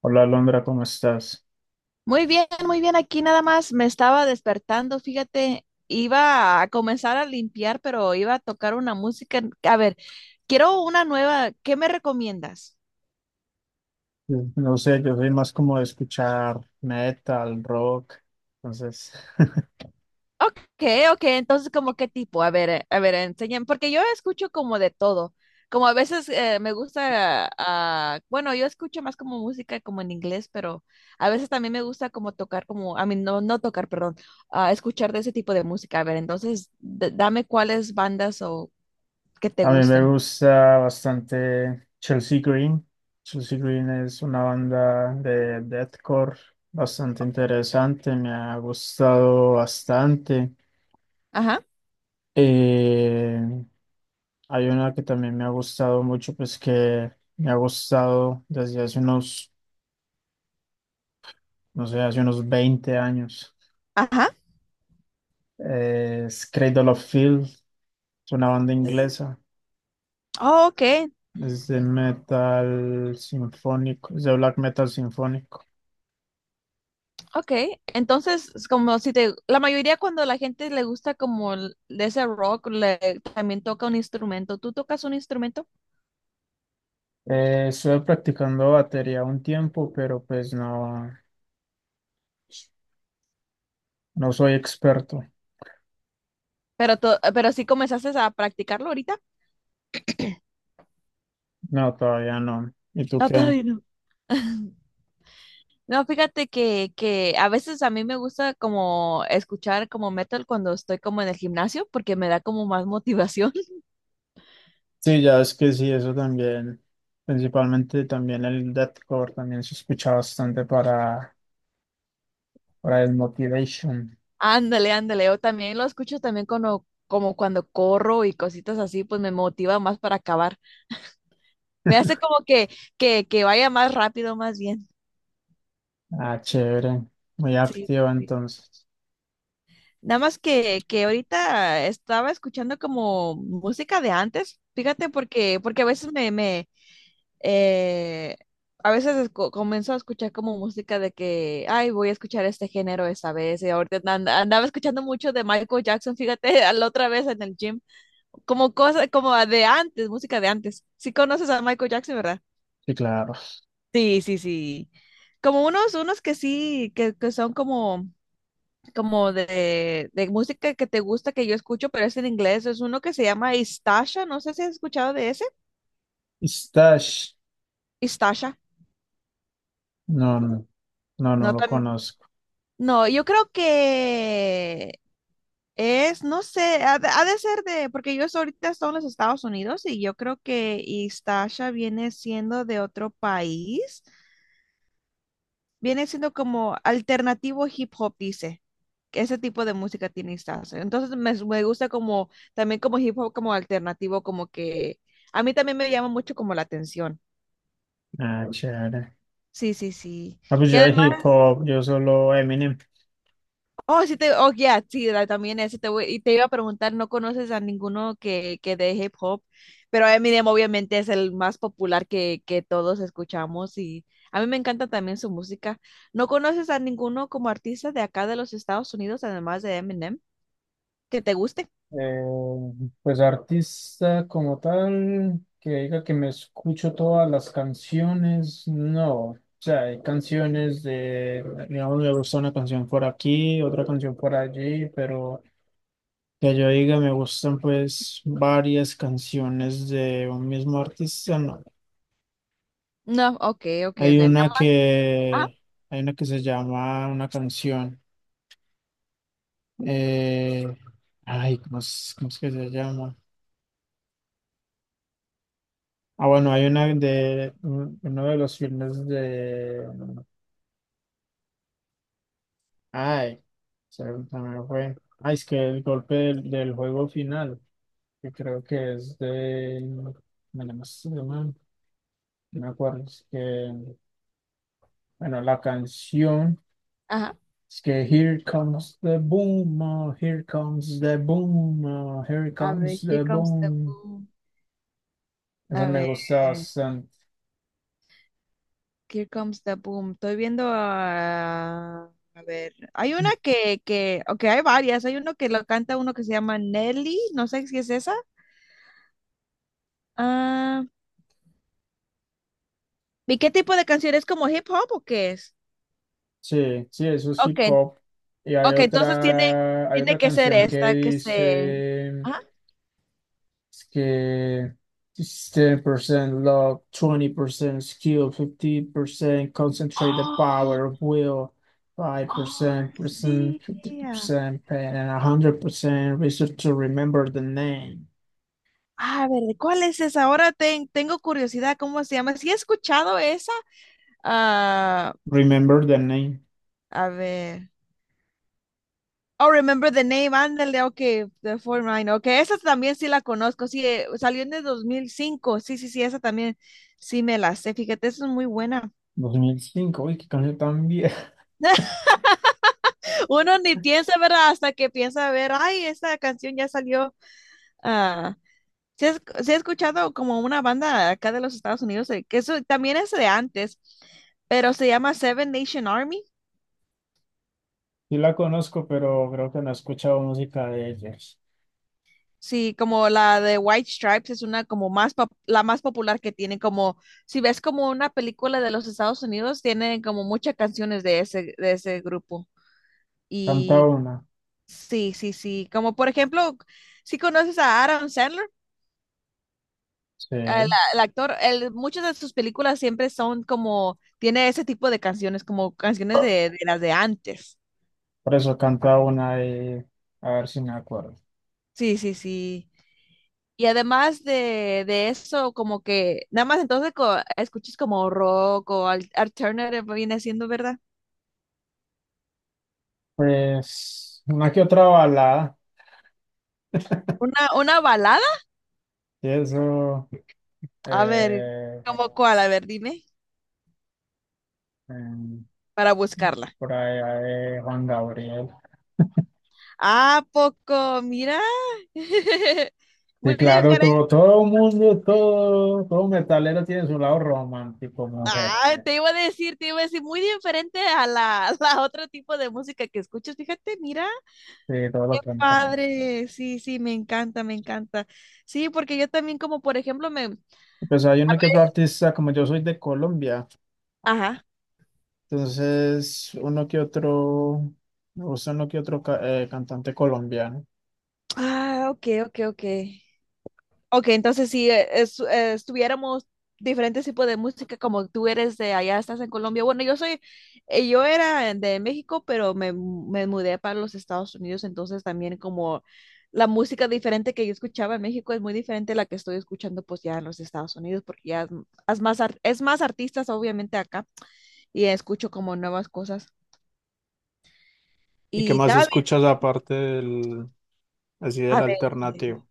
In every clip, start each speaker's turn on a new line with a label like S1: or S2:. S1: Hola Londra, ¿cómo estás?
S2: Muy bien, muy bien. Aquí nada más me estaba despertando, fíjate, iba a comenzar a limpiar, pero iba a tocar una música. A ver, quiero una nueva. ¿Qué me recomiendas?
S1: Mm. No sé, yo soy más como de escuchar metal, rock. Entonces,
S2: Ok, ok. Entonces, ¿como qué tipo? A ver, enséñame, porque yo escucho como de todo. Como a veces me gusta, bueno, yo escucho más como música como en inglés, pero a veces también me gusta como tocar como, a mí no, no tocar, perdón, escuchar de ese tipo de música. A ver, entonces, dame cuáles bandas o que te
S1: a mí me
S2: gusten.
S1: gusta bastante Chelsea Green. Chelsea Green es una banda de deathcore bastante interesante, me ha gustado bastante.
S2: Ajá,
S1: Eh, hay una que también me ha gustado mucho, pues que me ha gustado desde hace unos, no sé, hace unos 20 años.
S2: ajá.
S1: Es Cradle of Filth. Es una banda inglesa.
S2: Oh, ok,
S1: Es de metal sinfónico, es de black metal sinfónico.
S2: ok. Entonces, es como si te, la mayoría cuando la gente le gusta como de ese rock, le, también toca un instrumento. ¿Tú tocas un instrumento?
S1: Estuve practicando batería un tiempo, pero pues no, no soy experto.
S2: Pero, pero sí comenzaste a practicarlo ahorita.
S1: No, todavía no. ¿Y tú
S2: No,
S1: qué?
S2: todavía no. No, fíjate que a veces a mí me gusta como escuchar como metal cuando estoy como en el gimnasio porque me da como más motivación.
S1: Sí, ya es que sí, eso también. Principalmente también el deathcore también se escucha bastante para el motivation.
S2: Ándale, ándale. O también lo escucho también cuando, como cuando corro y cositas así, pues me motiva más para acabar. Me hace como que vaya más rápido, más bien.
S1: Ah, chévere. Muy
S2: Sí,
S1: activo
S2: sí, sí.
S1: entonces.
S2: Nada más que ahorita estaba escuchando como música de antes, fíjate, porque, porque a veces me, me eh, a veces comienzo a escuchar como música de que, ay, voy a escuchar este género esta vez, y ahorita andaba escuchando mucho de Michael Jackson, fíjate, a la otra vez en el gym, como cosa, como de antes, música de antes. Si conoces a Michael Jackson, ¿verdad?
S1: Sí, claro.
S2: Sí, sí, sí. Como unos, unos que sí, que son como, como de música que te gusta, que yo escucho, pero es en inglés. Es uno que se llama Istasha. No sé si has escuchado de ese.
S1: Stash.
S2: Istasha.
S1: No, no, no, no
S2: No,
S1: lo
S2: tan,
S1: conozco.
S2: no, yo creo que es, no sé, ha de ser de, porque yo ahorita estoy en los Estados Unidos y yo creo que Istasha viene siendo de otro país. Viene siendo como alternativo hip hop, dice. Que ese tipo de música tiene Stars. Entonces me gusta como también como hip hop como alternativo, como que a mí también me llama mucho como la atención.
S1: Ah, chévere.
S2: Sí, sí, sí.
S1: Ah, pues
S2: Y
S1: yo de
S2: además,
S1: hip hop, yo solo Eminem.
S2: oh, sí te, oh, ya, sí, la- también ese y te iba a preguntar, ¿no conoces a ninguno que de hip hop? Pero Eminem obviamente es el más popular que todos escuchamos y a mí me encanta también su música. ¿No conoces a ninguno como artista de acá de los Estados Unidos, además de Eminem? Que te guste.
S1: Eh, pues artista como tal, que diga que me escucho todas las canciones, no. O sea, hay canciones de, digamos, me gusta una canción por aquí, otra canción por allí, pero que yo diga me gustan pues varias canciones de un mismo artista, no.
S2: No, ok, ok, ok.
S1: Hay
S2: Nada
S1: una
S2: más- Ajá,
S1: que, hay una que se llama una canción, eh, ay, ¿cómo es que se llama? Ah, bueno, hay una de uno de los filmes de. Ay, se me fue. Ay, es que el golpe del juego final, que creo que es de. Bueno, no sé, no me acuerdo. Es que, bueno, la canción
S2: ajá.
S1: es que here comes the boom, oh, here comes the boom, oh, here
S2: A ver,
S1: comes
S2: Here
S1: the
S2: Comes the
S1: boom.
S2: Boom.
S1: Esa
S2: A
S1: me
S2: ver,
S1: gusta bastante.
S2: Here Comes the Boom. Estoy viendo a... A ver, hay una ok, hay varias. Hay uno que lo canta uno que se llama Nelly, no sé si es esa. Ah, ¿y qué tipo de canción es como hip hop o qué es?
S1: Sí, sí, eso es
S2: Ok,
S1: hip hop. Y hay
S2: ok, entonces tiene,
S1: otra, hay
S2: tiene
S1: otra
S2: que ser
S1: canción que
S2: esta que se...
S1: dice
S2: Ajá.
S1: es que it's 10% luck, 20% skill, 50% concentrate the
S2: Oh,
S1: power of will,
S2: oh,
S1: 5%, percent,
S2: sí.
S1: 50% pain, and 100% research to remember the name.
S2: Ah, a ver, ¿de cuál es esa? Ahora tengo curiosidad, ¿cómo se llama? ¿Sí he escuchado esa? Ah,
S1: Remember the name.
S2: a ver. Oh, remember the name, ándale, ok, the 49, ok, esa también sí la conozco, sí, salió en el 2005. Sí, sí, sí, esa también sí me la sé, fíjate, esa es muy buena.
S1: 2005, uy, qué canción tan vieja.
S2: Uno ni piensa, ¿verdad? Hasta que piensa, a ver, ay, esa canción ya salió, ah, sí, he sí he escuchado como una banda acá de los Estados Unidos, que eso también es de antes, pero se llama Seven Nation Army.
S1: Sí la conozco, pero creo que no he escuchado música de ellos.
S2: Sí, como la de White Stripes es una como más la más popular que tiene como si ves como una película de los Estados Unidos tienen como muchas canciones de ese grupo.
S1: Canta
S2: Y
S1: una.
S2: sí, sí, sí, como por ejemplo, si conoces a Adam Sandler,
S1: Sí.
S2: el, el actor, él- muchas de sus películas siempre son como tiene ese tipo de canciones como canciones de las de antes.
S1: Por eso canta una y a ver si me acuerdo.
S2: Sí, sí, sí. Y además de eso, como que nada más entonces escuchas como rock o alternative viene siendo, ¿verdad?
S1: Pues una que otra balada,
S2: Una balada.
S1: y eso,
S2: A ver,
S1: eh,
S2: ¿cómo cuál? A ver, dime,
S1: em,
S2: para buscarla.
S1: por allá de Juan Gabriel.
S2: ¿Ah poco? Mira. Muy
S1: Sí, claro,
S2: diferente.
S1: todo, todo mundo, todo, todo metalero tiene su lado romántico, mujer.
S2: Ah, te iba a decir, te iba a decir, muy diferente a la, a la otro tipo de música que escuchas. Fíjate, mira,
S1: Sí, todo
S2: qué
S1: lo contrario.
S2: padre. Sí, sí, me encanta, me encanta. Sí, porque yo también como, por ejemplo, me...
S1: Pues hay uno que otro artista, como yo soy de Colombia,
S2: Ajá.
S1: entonces uno que otro, me gusta uno que otro cantante colombiano.
S2: Ah, ok, ok, ok. Ok, entonces si estuviéramos diferentes tipos de música, como tú eres de allá, estás en Colombia. Bueno, yo soy, yo era de México, pero me mudé para los Estados Unidos, entonces también como la música diferente que yo escuchaba en México es muy diferente a la que estoy escuchando pues ya en los Estados Unidos, porque ya es más, es más artistas obviamente acá y escucho como nuevas cosas.
S1: ¿Y qué
S2: Y
S1: más
S2: también,
S1: escuchas aparte del? Así del
S2: a ver.
S1: alternativo.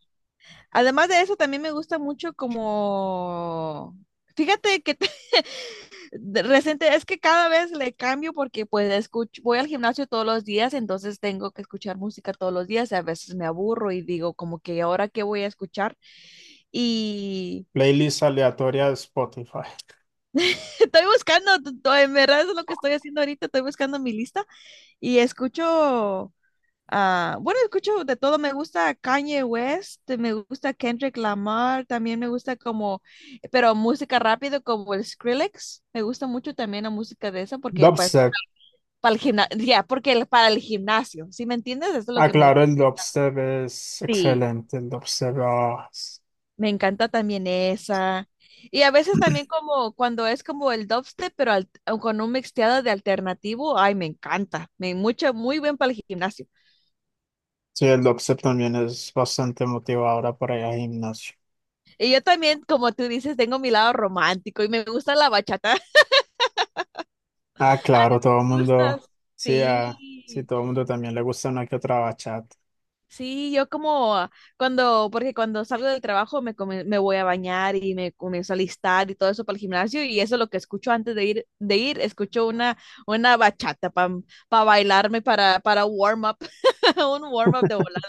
S2: Además de eso, también me gusta mucho como... Fíjate que te- de reciente es que cada vez le cambio porque pues escucho, voy al gimnasio todos los días, entonces tengo que escuchar música todos los días y a veces me aburro y digo como que ahora qué voy a escuchar y
S1: Playlist aleatoria de Spotify.
S2: estoy buscando, en verdad es lo que estoy haciendo ahorita, estoy buscando mi lista y escucho. Ah, bueno, escucho de todo, me gusta Kanye West, me gusta Kendrick Lamar, también me gusta como, pero música rápido como el Skrillex, me gusta mucho también la música de esa porque pues
S1: Dubstep.
S2: para el gimnasio, ya, porque para el gimnasio, ¿sí me entiendes? Eso es lo
S1: Ah,
S2: que me gusta.
S1: claro, el dubstep es
S2: Sí,
S1: excelente. El dubstep. Ah, es-
S2: me encanta también esa. Y a veces también como cuando es como el dubstep, pero al- con un mixteado de alternativo, ay, me encanta, me mucho, muy bien para el gimnasio.
S1: sí, el dubstep también es bastante motivadora para ir al gimnasio.
S2: Y yo también, como tú dices, tengo mi lado romántico y me gusta la bachata.
S1: Ah, claro, todo el
S2: Me gusta.
S1: mundo. Sí, ah, sí,
S2: Sí,
S1: todo el mundo también le gusta una que otra bachata.
S2: sí, yo como cuando, porque cuando salgo del trabajo me voy a bañar y me comienzo a listar y todo eso para el gimnasio y eso es lo que escucho antes de ir, escucho una bachata para bailarme, para warm up, un warm up de volar.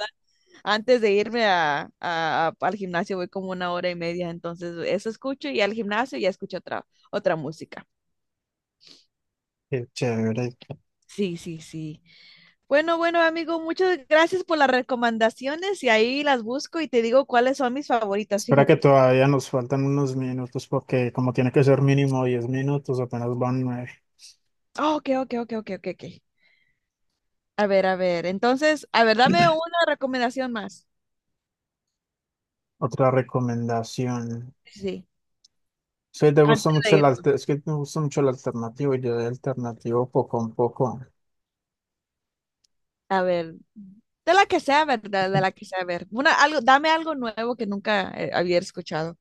S2: Antes de irme a, al gimnasio voy como una hora y media, entonces eso escucho y al gimnasio ya escucho otra, otra música.
S1: Qué chévere.
S2: Sí, sí, sí. Bueno, bueno, amigo, muchas gracias por las recomendaciones y ahí las busco y te digo cuáles son mis favoritas,
S1: Espera que
S2: fíjate.
S1: todavía nos faltan unos minutos porque como tiene que ser mínimo 10 minutos, apenas van nueve.
S2: Oh, ok, ok, ok, ok, ok, ok. A ver, entonces, a ver, dame una recomendación más.
S1: Otra recomendación.
S2: Sí, sí,
S1: Sí, te gusta
S2: antes
S1: mucho
S2: de
S1: el
S2: irnos.
S1: es que me gusta mucho el alternativo y yo de alternativo poco a poco.
S2: A ver, de la que sea, ¿verdad? De la que sea, a ver. Una, algo, dame algo nuevo que nunca había escuchado.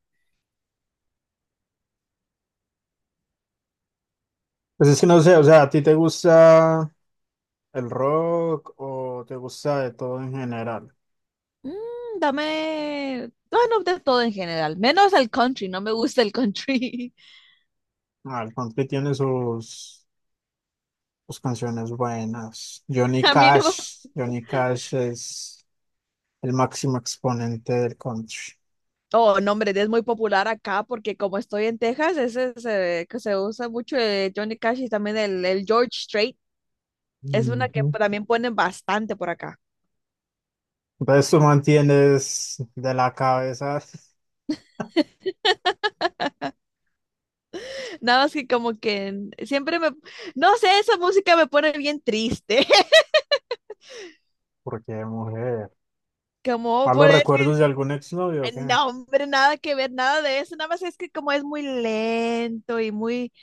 S1: Pues es que no sé, o sea, ¿a ti te gusta el rock o te gusta de todo en general?
S2: Mm, dame, bueno, de todo en general, menos el country, no me gusta el country.
S1: Ah, el country tiene sus, canciones buenas. Johnny
S2: A mí no.
S1: Cash, Johnny Cash es el máximo exponente del country.
S2: Oh, no, hombre, es muy popular acá porque como estoy en Texas, ese se, que se usa mucho Johnny Cash y también el George Strait. Es una que
S1: Ujú.
S2: también ponen bastante por acá.
S1: Entonces tú mantienes de la cabeza,
S2: Nada más que como que en- siempre me, no sé, esa música me pone bien triste.
S1: porque mujer.
S2: Como
S1: ¿A
S2: por
S1: los
S2: eso.
S1: recuerdos de algún exnovio o qué?
S2: No, hombre, nada que ver, nada de eso. Nada más es que como es muy lento y muy,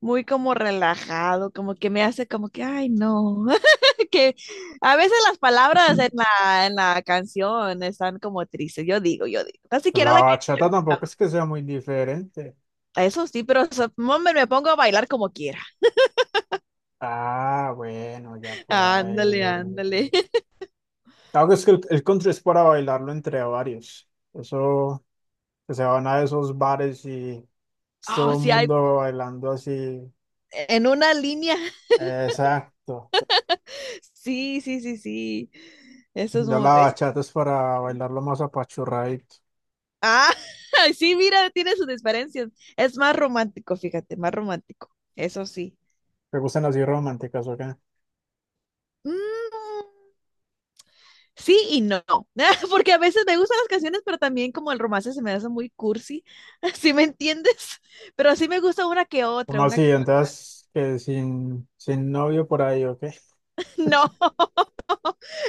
S2: muy como relajado, como que me hace como que, ay, no. Que a veces las palabras en la canción están como tristes. Yo digo, yo digo. Ni siquiera
S1: La
S2: la que
S1: bachata tampoco es que sea muy diferente.
S2: Eso sí, pero so- hombre, me pongo a bailar como quiera.
S1: Ah, bueno, ya por ahí.
S2: Ándale, ándale.
S1: Claro que es que el country es para bailarlo entre varios. Eso, que se van a esos bares y es todo
S2: Oh,
S1: el
S2: sí hay
S1: mundo bailando así.
S2: en una línea.
S1: Exacto.
S2: Sí, sí, sí, sí. Eso es
S1: Ya
S2: muy,
S1: la bachata es para bailarlo más apachurradito.
S2: ah, sí, mira, tiene sus diferencias. Es más romántico, fíjate, más romántico. Eso sí.
S1: ¿Te gustan así románticas o qué?
S2: Mm, sí y no. Porque a veces me gustan las canciones, pero también como el romance se me hace muy cursi. ¿Sí me entiendes? Pero sí me gusta una que otra,
S1: ¿Cómo
S2: una
S1: así?
S2: que otra.
S1: Entonces, que sin, novio por ahí, ¿ok?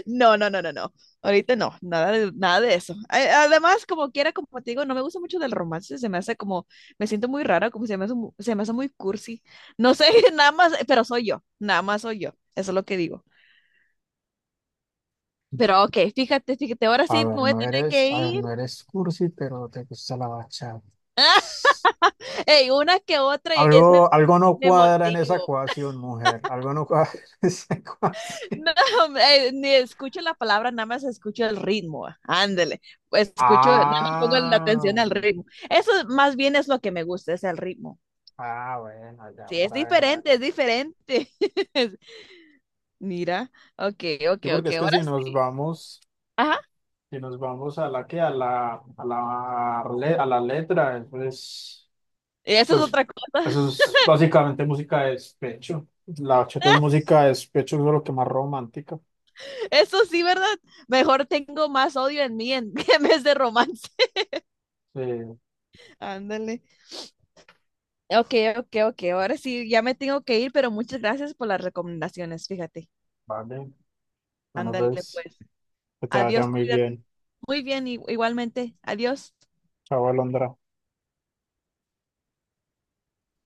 S2: No, no, no, no, no, no. Ahorita no, nada de, nada de eso. A- además, como quiera, como te digo, no me gusta mucho del romance, se me hace como, me siento muy rara, como se me hace, se me hace muy cursi. No sé, nada más, pero soy yo, nada más soy yo, eso es lo que digo. Pero ok, fíjate, fíjate, ahora
S1: A
S2: sí me
S1: ver,
S2: voy a
S1: no
S2: tener
S1: eres,
S2: que
S1: a ver,
S2: ir.
S1: no eres cursi, pero te gusta la bachata.
S2: Ey, una que otra y es me,
S1: Algo no
S2: me
S1: cuadra en esa
S2: motivo.
S1: ecuación, mujer. Algo no cuadra en esa ecuación.
S2: No, hombre, ni escucho la palabra, nada más escucho el ritmo. Ah, ándele, escucho, nada más pongo la
S1: Ah,
S2: atención al ritmo. Eso más bien es lo que me gusta, es el ritmo.
S1: ah, bueno, ya
S2: Sí, es
S1: por ahí.
S2: diferente, es diferente. Mira, ok, ok,
S1: Sí, porque
S2: ok,
S1: es que
S2: ahora
S1: si nos
S2: sí.
S1: vamos,
S2: Ajá,
S1: si nos vamos a la que, a la, a la letra, pues,
S2: eso es
S1: pues,
S2: otra cosa.
S1: eso es básicamente música de despecho. La bachata es música de despecho, es lo que más romántica.
S2: Eso sí, ¿verdad? Mejor tengo más odio en mí en, en vez de romance.
S1: Sí,
S2: Ándale. Ok, ok, ok. Ahora sí, ya me tengo que ir, pero muchas gracias por las recomendaciones, fíjate.
S1: vale. Bueno,
S2: Ándale,
S1: pues,
S2: pues.
S1: que te vaya
S2: Adiós,
S1: muy
S2: cuídate.
S1: bien.
S2: Muy bien, igualmente. Adiós.
S1: Chao, Alondra.